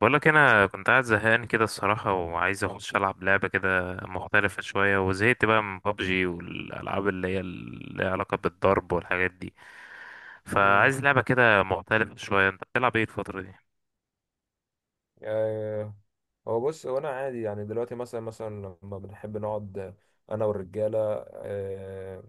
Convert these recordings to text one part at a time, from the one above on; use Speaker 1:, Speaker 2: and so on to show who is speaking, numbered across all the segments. Speaker 1: بقولك انا كنت قاعد زهقان كده الصراحه، وعايز اخش العب لعبه كده مختلفه شويه، وزهقت بقى من بابجي والالعاب اللي ليها علاقه بالضرب والحاجات دي.
Speaker 2: امم
Speaker 1: فعايز لعبه كده مختلفه شويه، انت بتلعب ايه الفتره دي؟
Speaker 2: آه هو بص، انا عادي يعني دلوقتي مثلا لما بنحب نقعد انا والرجاله. آه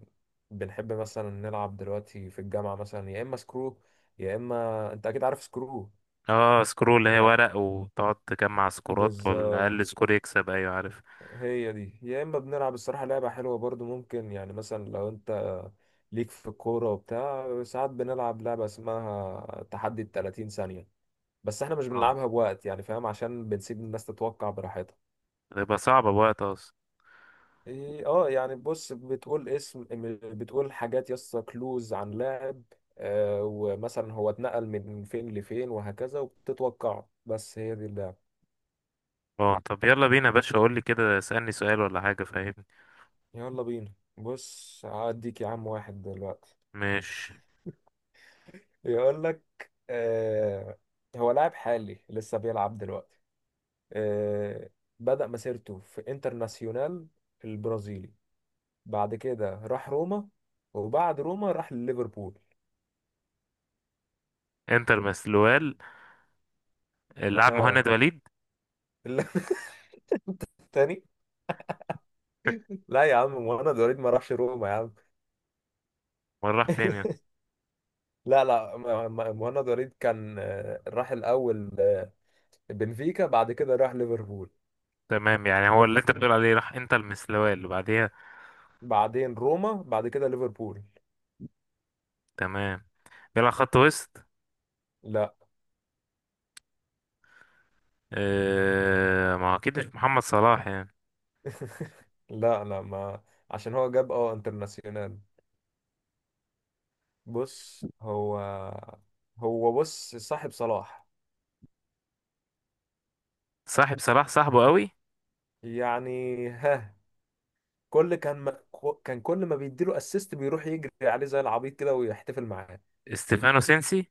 Speaker 2: بنحب مثلا نلعب دلوقتي في الجامعه، مثلا يا اما سكرو، يا اما انت اكيد عارف سكرو.
Speaker 1: اه، سكرول اللي هي
Speaker 2: يعني
Speaker 1: ورق، وتقعد تجمع سكورات، والاقل
Speaker 2: بالظبط،
Speaker 1: سكور يكسب. ايوه عارف.
Speaker 2: هي دي. يا اما بنلعب الصراحه لعبه حلوه برضو، ممكن يعني مثلا لو انت ليك في الكوره وبتاع. ساعات بنلعب لعبه اسمها تحدي 30 ثانيه، بس احنا مش
Speaker 1: اه،
Speaker 2: بنلعبها بوقت، يعني فاهم؟ عشان بنسيب الناس تتوقع براحتها.
Speaker 1: تبقى صعبه بوقت اصلا.
Speaker 2: إيه، اه يعني بص، بتقول اسم، بتقول حاجات يسطا كلوز عن لاعب ومثلا هو اتنقل من فين لفين وهكذا، وبتتوقعه. بس هي دي اللعبة.
Speaker 1: اه طب يلا بينا يا باشا، قول لي كده، اسالني سؤال ولا حاجه، فاهمني.
Speaker 2: يلا بينا، بص هديك يا عم واحد دلوقتي
Speaker 1: مش.
Speaker 2: يقول لك، آه هو لاعب حالي لسه بيلعب دلوقتي، آه بدأ مسيرته في انترناسيونال البرازيلي، بعد كده راح روما، وبعد روما راح ليفربول.
Speaker 1: انتر مسلوال، اللاعب
Speaker 2: اه.
Speaker 1: مهند وليد.
Speaker 2: تاني. لا يا عم، مهند وليد ما راحش روما يا عم.
Speaker 1: ولا راح فين؟
Speaker 2: لا، مهند وليد كان، راح الأول، بنفيكا، بعد كده راح ليفربول.
Speaker 1: تمام، يعني هو اللي انت بتقول عليه راح، انت المسلوال اللي بعديها.
Speaker 2: بعدين روما، بعد كده ليفربول.
Speaker 1: تمام. بيلعب خط وسط؟
Speaker 2: لا،
Speaker 1: اه، ما هو اكيد مش محمد صلاح يعني.
Speaker 2: لا ما، عشان هو جاب اه انترناسيونال. بص هو، هو بص صاحب صلاح.
Speaker 1: صاحب صلاح، صاحبه قوي.
Speaker 2: يعني ها، كل كان ما كان كل ما بيديله اسيست بيروح يجري عليه زي العبيط كده ويحتفل معاه.
Speaker 1: استيفانو سينسي.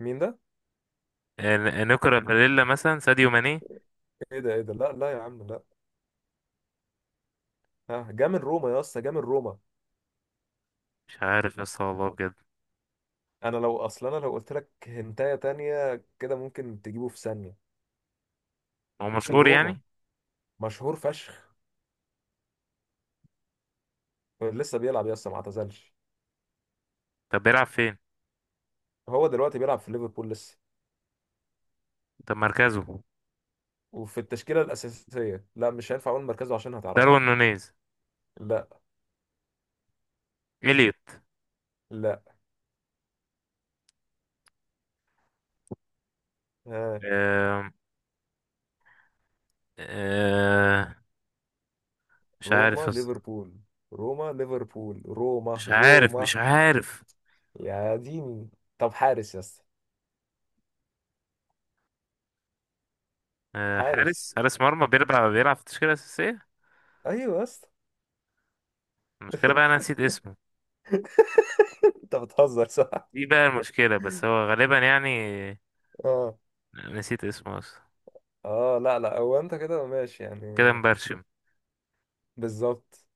Speaker 2: مين ده؟
Speaker 1: نيكولا باريلا، مثلا ساديو ماني.
Speaker 2: ايه ده؟ لا لا يا عم، لا. ها جه من روما يا اسطى، جه من روما.
Speaker 1: مش عارف يا اسطى والله بجد.
Speaker 2: انا لو اصلا، انا لو قلت لك هنتايه تانية كده ممكن تجيبه في ثانيه.
Speaker 1: هو مشهور
Speaker 2: روما.
Speaker 1: يعني؟
Speaker 2: مشهور فشخ. لسه بيلعب يا اسطى، ما اعتزلش.
Speaker 1: طب بيلعب فين؟
Speaker 2: هو دلوقتي بيلعب في ليفربول لسه،
Speaker 1: طب مركزه؟
Speaker 2: وفي التشكيله الاساسيه. لا مش هينفع اقول مركزه عشان هتعرفه.
Speaker 1: داروين نونيز.
Speaker 2: لا.
Speaker 1: إليوت.
Speaker 2: لا. ها.
Speaker 1: آه. آه. مش عارف
Speaker 2: روما
Speaker 1: يا اسطى.
Speaker 2: ليفربول، روما ليفربول، روما
Speaker 1: مش عارف،
Speaker 2: روما
Speaker 1: مش عارف.
Speaker 2: يا ديني. طب حارس يا اسطى.
Speaker 1: آه، حارس.
Speaker 2: حارس.
Speaker 1: حارس مرمى، بيلعب في التشكيلة الأساسية.
Speaker 2: ايوه يا اسطى.
Speaker 1: المشكلة بقى أنا نسيت اسمه.
Speaker 2: انت بتهزر صح.
Speaker 1: دي بقى المشكلة، بس هو غالبا يعني.
Speaker 2: اه
Speaker 1: نسيت اسمه اصلا.
Speaker 2: اه، لا لا، هو انت كده ماشي يعني.
Speaker 1: كده مبرشم.
Speaker 2: بالظبط.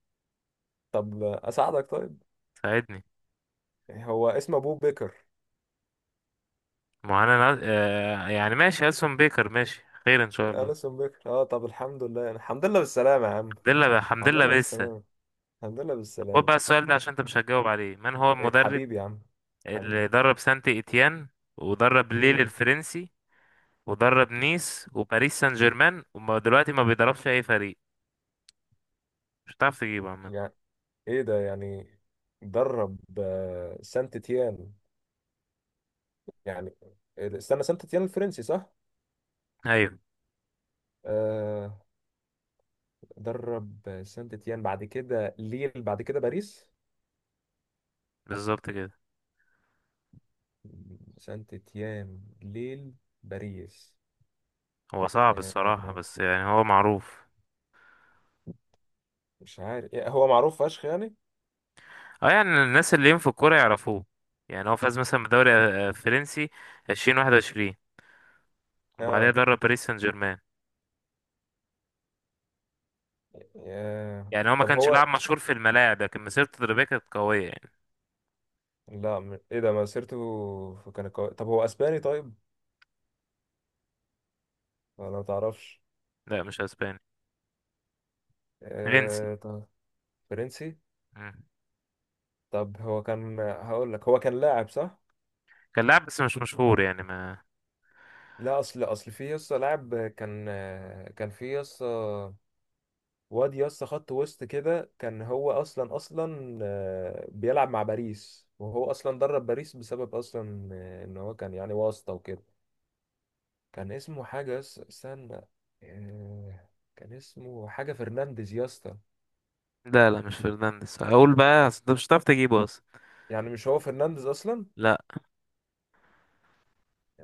Speaker 2: طب اساعدك، طيب.
Speaker 1: ساعدني.
Speaker 2: يعني هو اسمه ابو بكر.
Speaker 1: معانا يعني ماشي، ألسون بيكر، ماشي خير ان شاء الله.
Speaker 2: اليسون بكر، اه. طب الحمد لله، يعني الحمد لله بالسلامه يا عم.
Speaker 1: الحمد لله. الحمد
Speaker 2: الحمد
Speaker 1: لله
Speaker 2: لله
Speaker 1: لسه.
Speaker 2: بالسلامه. الحمد لله
Speaker 1: طب خد
Speaker 2: بالسلامه.
Speaker 1: بقى السؤال ده، عشان انت مش هتجاوب عليه. من هو
Speaker 2: إيه
Speaker 1: المدرب
Speaker 2: حبيبي يا عم.
Speaker 1: اللي
Speaker 2: حبيبي.
Speaker 1: درب سانت ايتيان، ودرب ليل
Speaker 2: امم
Speaker 1: الفرنسي، ودرب نيس وباريس سان جيرمان، ودلوقتي ما بيدربش اي فريق؟ مش هتعرف تجيبه عامة.
Speaker 2: يعني، ايه ده يعني؟ درب سانت تيان، يعني، استنى، سانت تيان الفرنسي صح؟
Speaker 1: ايوه،
Speaker 2: آه، درب سانت تيان بعد كده ليل بعد كده باريس.
Speaker 1: بالظبط كده.
Speaker 2: سانت تيان، ليل، باريس.
Speaker 1: هو صعب
Speaker 2: آه،
Speaker 1: الصراحة، بس يعني هو معروف.
Speaker 2: مش عارف هو معروف فشخ يعني.
Speaker 1: اه، يعني الناس اللي ليهم في الكورة يعرفوه. يعني هو فاز مثلا بدوري فرنسي 2021، وبعدها
Speaker 2: اه.
Speaker 1: درب باريس سان جيرمان. يعني هو ما
Speaker 2: طب
Speaker 1: كانش
Speaker 2: هو،
Speaker 1: لاعب مشهور في الملاعب، لكن مسيرته التدريبية كانت قوية يعني.
Speaker 2: لا، ايه ده، مسيرته كان قوي. طب هو اسباني، طيب؟ ولا ما تعرفش؟
Speaker 1: لا، مش اسباني. فرنسي.
Speaker 2: طب، فرنسي.
Speaker 1: مم.
Speaker 2: طب هو كان، هقول لك، هو كان لاعب صح؟
Speaker 1: كان لاعب، بس مش مشهور يعني ما.
Speaker 2: لا اصل، اصل في يسطا لاعب، كان كان في يسطا واد يسطا خط وسط كده، كان هو اصلا بيلعب مع باريس، وهو اصلا درب باريس بسبب اصلا ان هو كان يعني واسطة وكده. كان اسمه حاجة استنى، آه، كان اسمه حاجة فرنانديز يا اسطى.
Speaker 1: لا لا، مش فرنانديز. هقول بقى، اصل انت مش هتعرف تجيبه اصلا.
Speaker 2: يعني مش هو فرنانديز أصلا؟
Speaker 1: لا.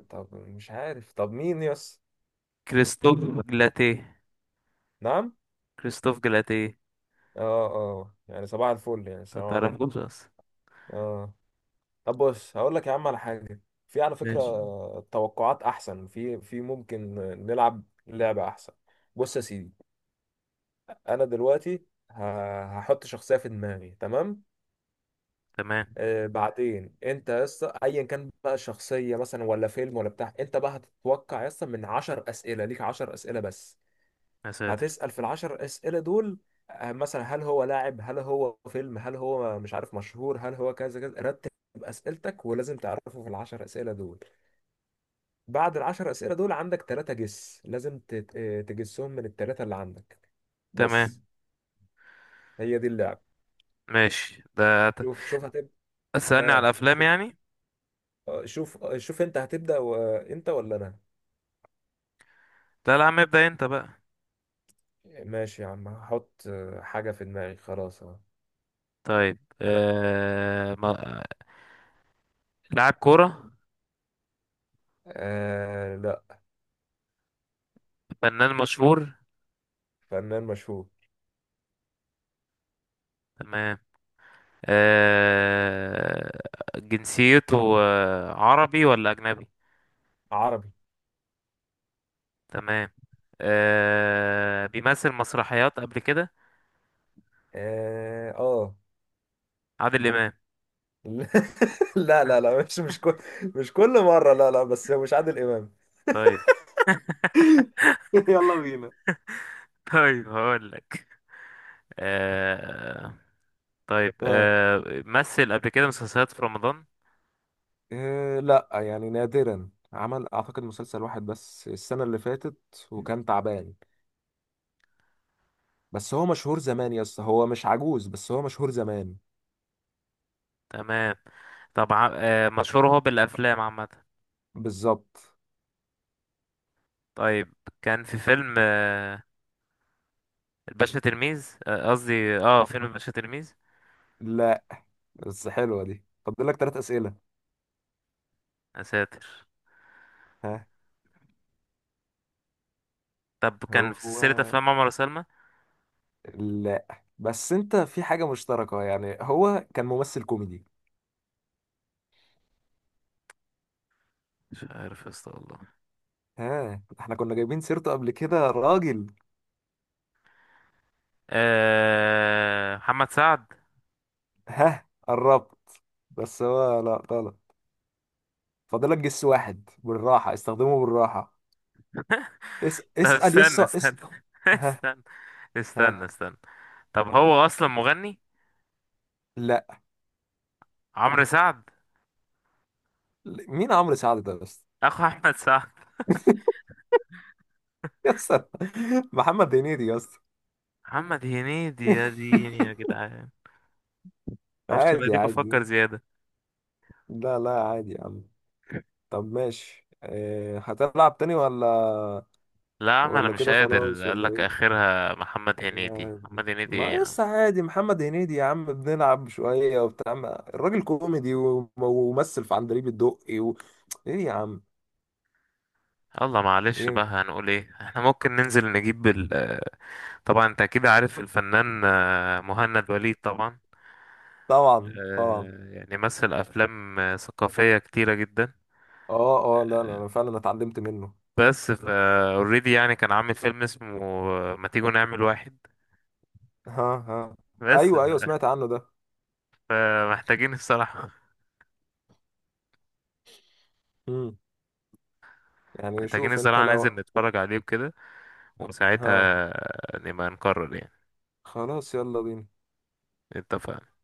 Speaker 2: طب مش عارف، طب مين يس.
Speaker 1: كريستوف جلاتيه.
Speaker 2: نعم.
Speaker 1: كريستوف جلاتيه.
Speaker 2: اه اه، يعني صباح الفل، يعني
Speaker 1: ما
Speaker 2: السلام عليكم.
Speaker 1: تعرفوش اصلا.
Speaker 2: اه. طب بص هقول لك يا عم على حاجة، في على فكرة
Speaker 1: ماشي.
Speaker 2: توقعات أحسن، في ممكن نلعب لعبة أحسن. بص يا سيدي، أنا دلوقتي هحط شخصية في دماغي، تمام؟
Speaker 1: تمام.
Speaker 2: بعدين انت يا اسطى ايا كان بقى شخصيه، مثلا ولا فيلم ولا بتاع، انت بقى هتتوقع يا اسطى من 10 اسئله، ليك 10 اسئله بس،
Speaker 1: يا ساتر.
Speaker 2: هتسال في ال 10 اسئله دول مثلا هل هو لاعب، هل هو فيلم، هل هو مش عارف مشهور، هل هو كذا كذا. رتب اسئلتك، ولازم تعرفه في ال 10 اسئله دول. بعد ال 10 اسئله دول عندك ثلاثه جس، لازم تجسهم من الثلاثه اللي عندك،
Speaker 1: تمام.
Speaker 2: بس. هي دي اللعبه.
Speaker 1: ماشي، ده
Speaker 2: شوف، هتبدا.
Speaker 1: اسألني على
Speaker 2: ها
Speaker 1: الافلام
Speaker 2: شوف،
Speaker 1: يعني.
Speaker 2: شوف انت هتبدا انت ولا انا؟
Speaker 1: لا لا يا عم، ابدأ انت بقى.
Speaker 2: ماشي يا عم، هحط حاجة في دماغي خلاص، اه.
Speaker 1: طيب.
Speaker 2: انا.
Speaker 1: ما... لاعب كورة؟
Speaker 2: آه لا.
Speaker 1: فنان مشهور؟
Speaker 2: فنان مشهور.
Speaker 1: تمام. آه... جنسيته عربي ولا أجنبي؟
Speaker 2: عربي.
Speaker 1: تمام. بيمثل مسرحيات قبل كده؟
Speaker 2: اه آه.
Speaker 1: عادل إمام؟
Speaker 2: لا لا لا، مش كل مرة، لا لا، بس مش عادل إمام.
Speaker 1: طيب.
Speaker 2: يلا بينا.
Speaker 1: طيب هقول لك. آه... طيب
Speaker 2: آه.
Speaker 1: مثل قبل كده مسلسلات في رمضان؟
Speaker 2: آه لا، يعني نادرا، عمل اعتقد مسلسل واحد بس السنة اللي فاتت، وكان تعبان. بس هو مشهور زمان يا اسطى، هو مش عجوز، بس هو مشهور زمان.
Speaker 1: تمام. طب مشهور هو بالأفلام عامة؟
Speaker 2: بالظبط.
Speaker 1: طيب. كان في فيلم الباشا تلميذ. قصدي فيلم الباشا تلميذ.
Speaker 2: لا. بس حلوة دي، فاضل لك ثلاث أسئلة.
Speaker 1: يا ساتر.
Speaker 2: ها.
Speaker 1: طب كان
Speaker 2: هو
Speaker 1: في سلسلة أفلام عمر وسلمى؟
Speaker 2: لا، بس انت في حاجة مشتركة يعني، هو كان ممثل كوميدي.
Speaker 1: مش عارف يا اسطى والله.
Speaker 2: ها احنا كنا جايبين سيرته قبل كده، راجل.
Speaker 1: محمد سعد؟
Speaker 2: ها قربت، بس هو لا غلط. فاضلك جس واحد، بالراحة، استخدمه بالراحة.
Speaker 1: طب
Speaker 2: اسأل
Speaker 1: استنى،
Speaker 2: يسا،
Speaker 1: استنى.
Speaker 2: اس. ها.
Speaker 1: استنى،
Speaker 2: ها.
Speaker 1: استنى، استنى. طب هو أصلا مغني؟
Speaker 2: لا.
Speaker 1: عمرو سعد؟
Speaker 2: لا. مين عمرو سعد ده بس؟
Speaker 1: أخو أحمد سعد؟
Speaker 2: يسا، محمد هنيدي يسا.
Speaker 1: محمد هنيدي، يا ديني يا جدعان. معرفش أنا
Speaker 2: عادي
Speaker 1: ليه بفكر
Speaker 2: عادي.
Speaker 1: زيادة.
Speaker 2: لا لا، عادي يا عم. طب ماشي، اه هتلعب تاني ولا
Speaker 1: لا، ما أنا
Speaker 2: ولا
Speaker 1: مش
Speaker 2: كده
Speaker 1: قادر.
Speaker 2: خلاص،
Speaker 1: قال
Speaker 2: ولا
Speaker 1: لك
Speaker 2: ايه؟
Speaker 1: آخرها محمد هنيدي. محمد هنيدي إيه
Speaker 2: ما
Speaker 1: يا عم.
Speaker 2: يس عادي محمد هنيدي يا عم، بنلعب شوية وبتاع. الراجل كوميدي وممثل في عندليب الدقي ايه يا عم.
Speaker 1: يلا معلش بقى،
Speaker 2: ايه.
Speaker 1: هنقول ايه، احنا ممكن ننزل نجيب ال. طبعا انت اكيد عارف الفنان مهند وليد طبعا.
Speaker 2: طبعا، طبعا.
Speaker 1: يعني مثل افلام ثقافيه كتيره جدا.
Speaker 2: اه اه، لا لا،
Speaker 1: آه،
Speaker 2: انا فعلا اتعلمت منه.
Speaker 1: بس ف اوريدي يعني كان عامل فيلم اسمه ما تيجوا نعمل واحد.
Speaker 2: ها. ها.
Speaker 1: بس
Speaker 2: ايوه ايوه سمعت عنه ده.
Speaker 1: فمحتاجين الصراحه.
Speaker 2: امم يعني
Speaker 1: محتاجين
Speaker 2: شوف، انت
Speaker 1: الصراحه، ننزل
Speaker 2: لو.
Speaker 1: نتفرج عليه وكده.
Speaker 2: ها.
Speaker 1: وساعتها نبقى نقرر يعني.
Speaker 2: خلاص، يلا بينا.
Speaker 1: اتفقنا.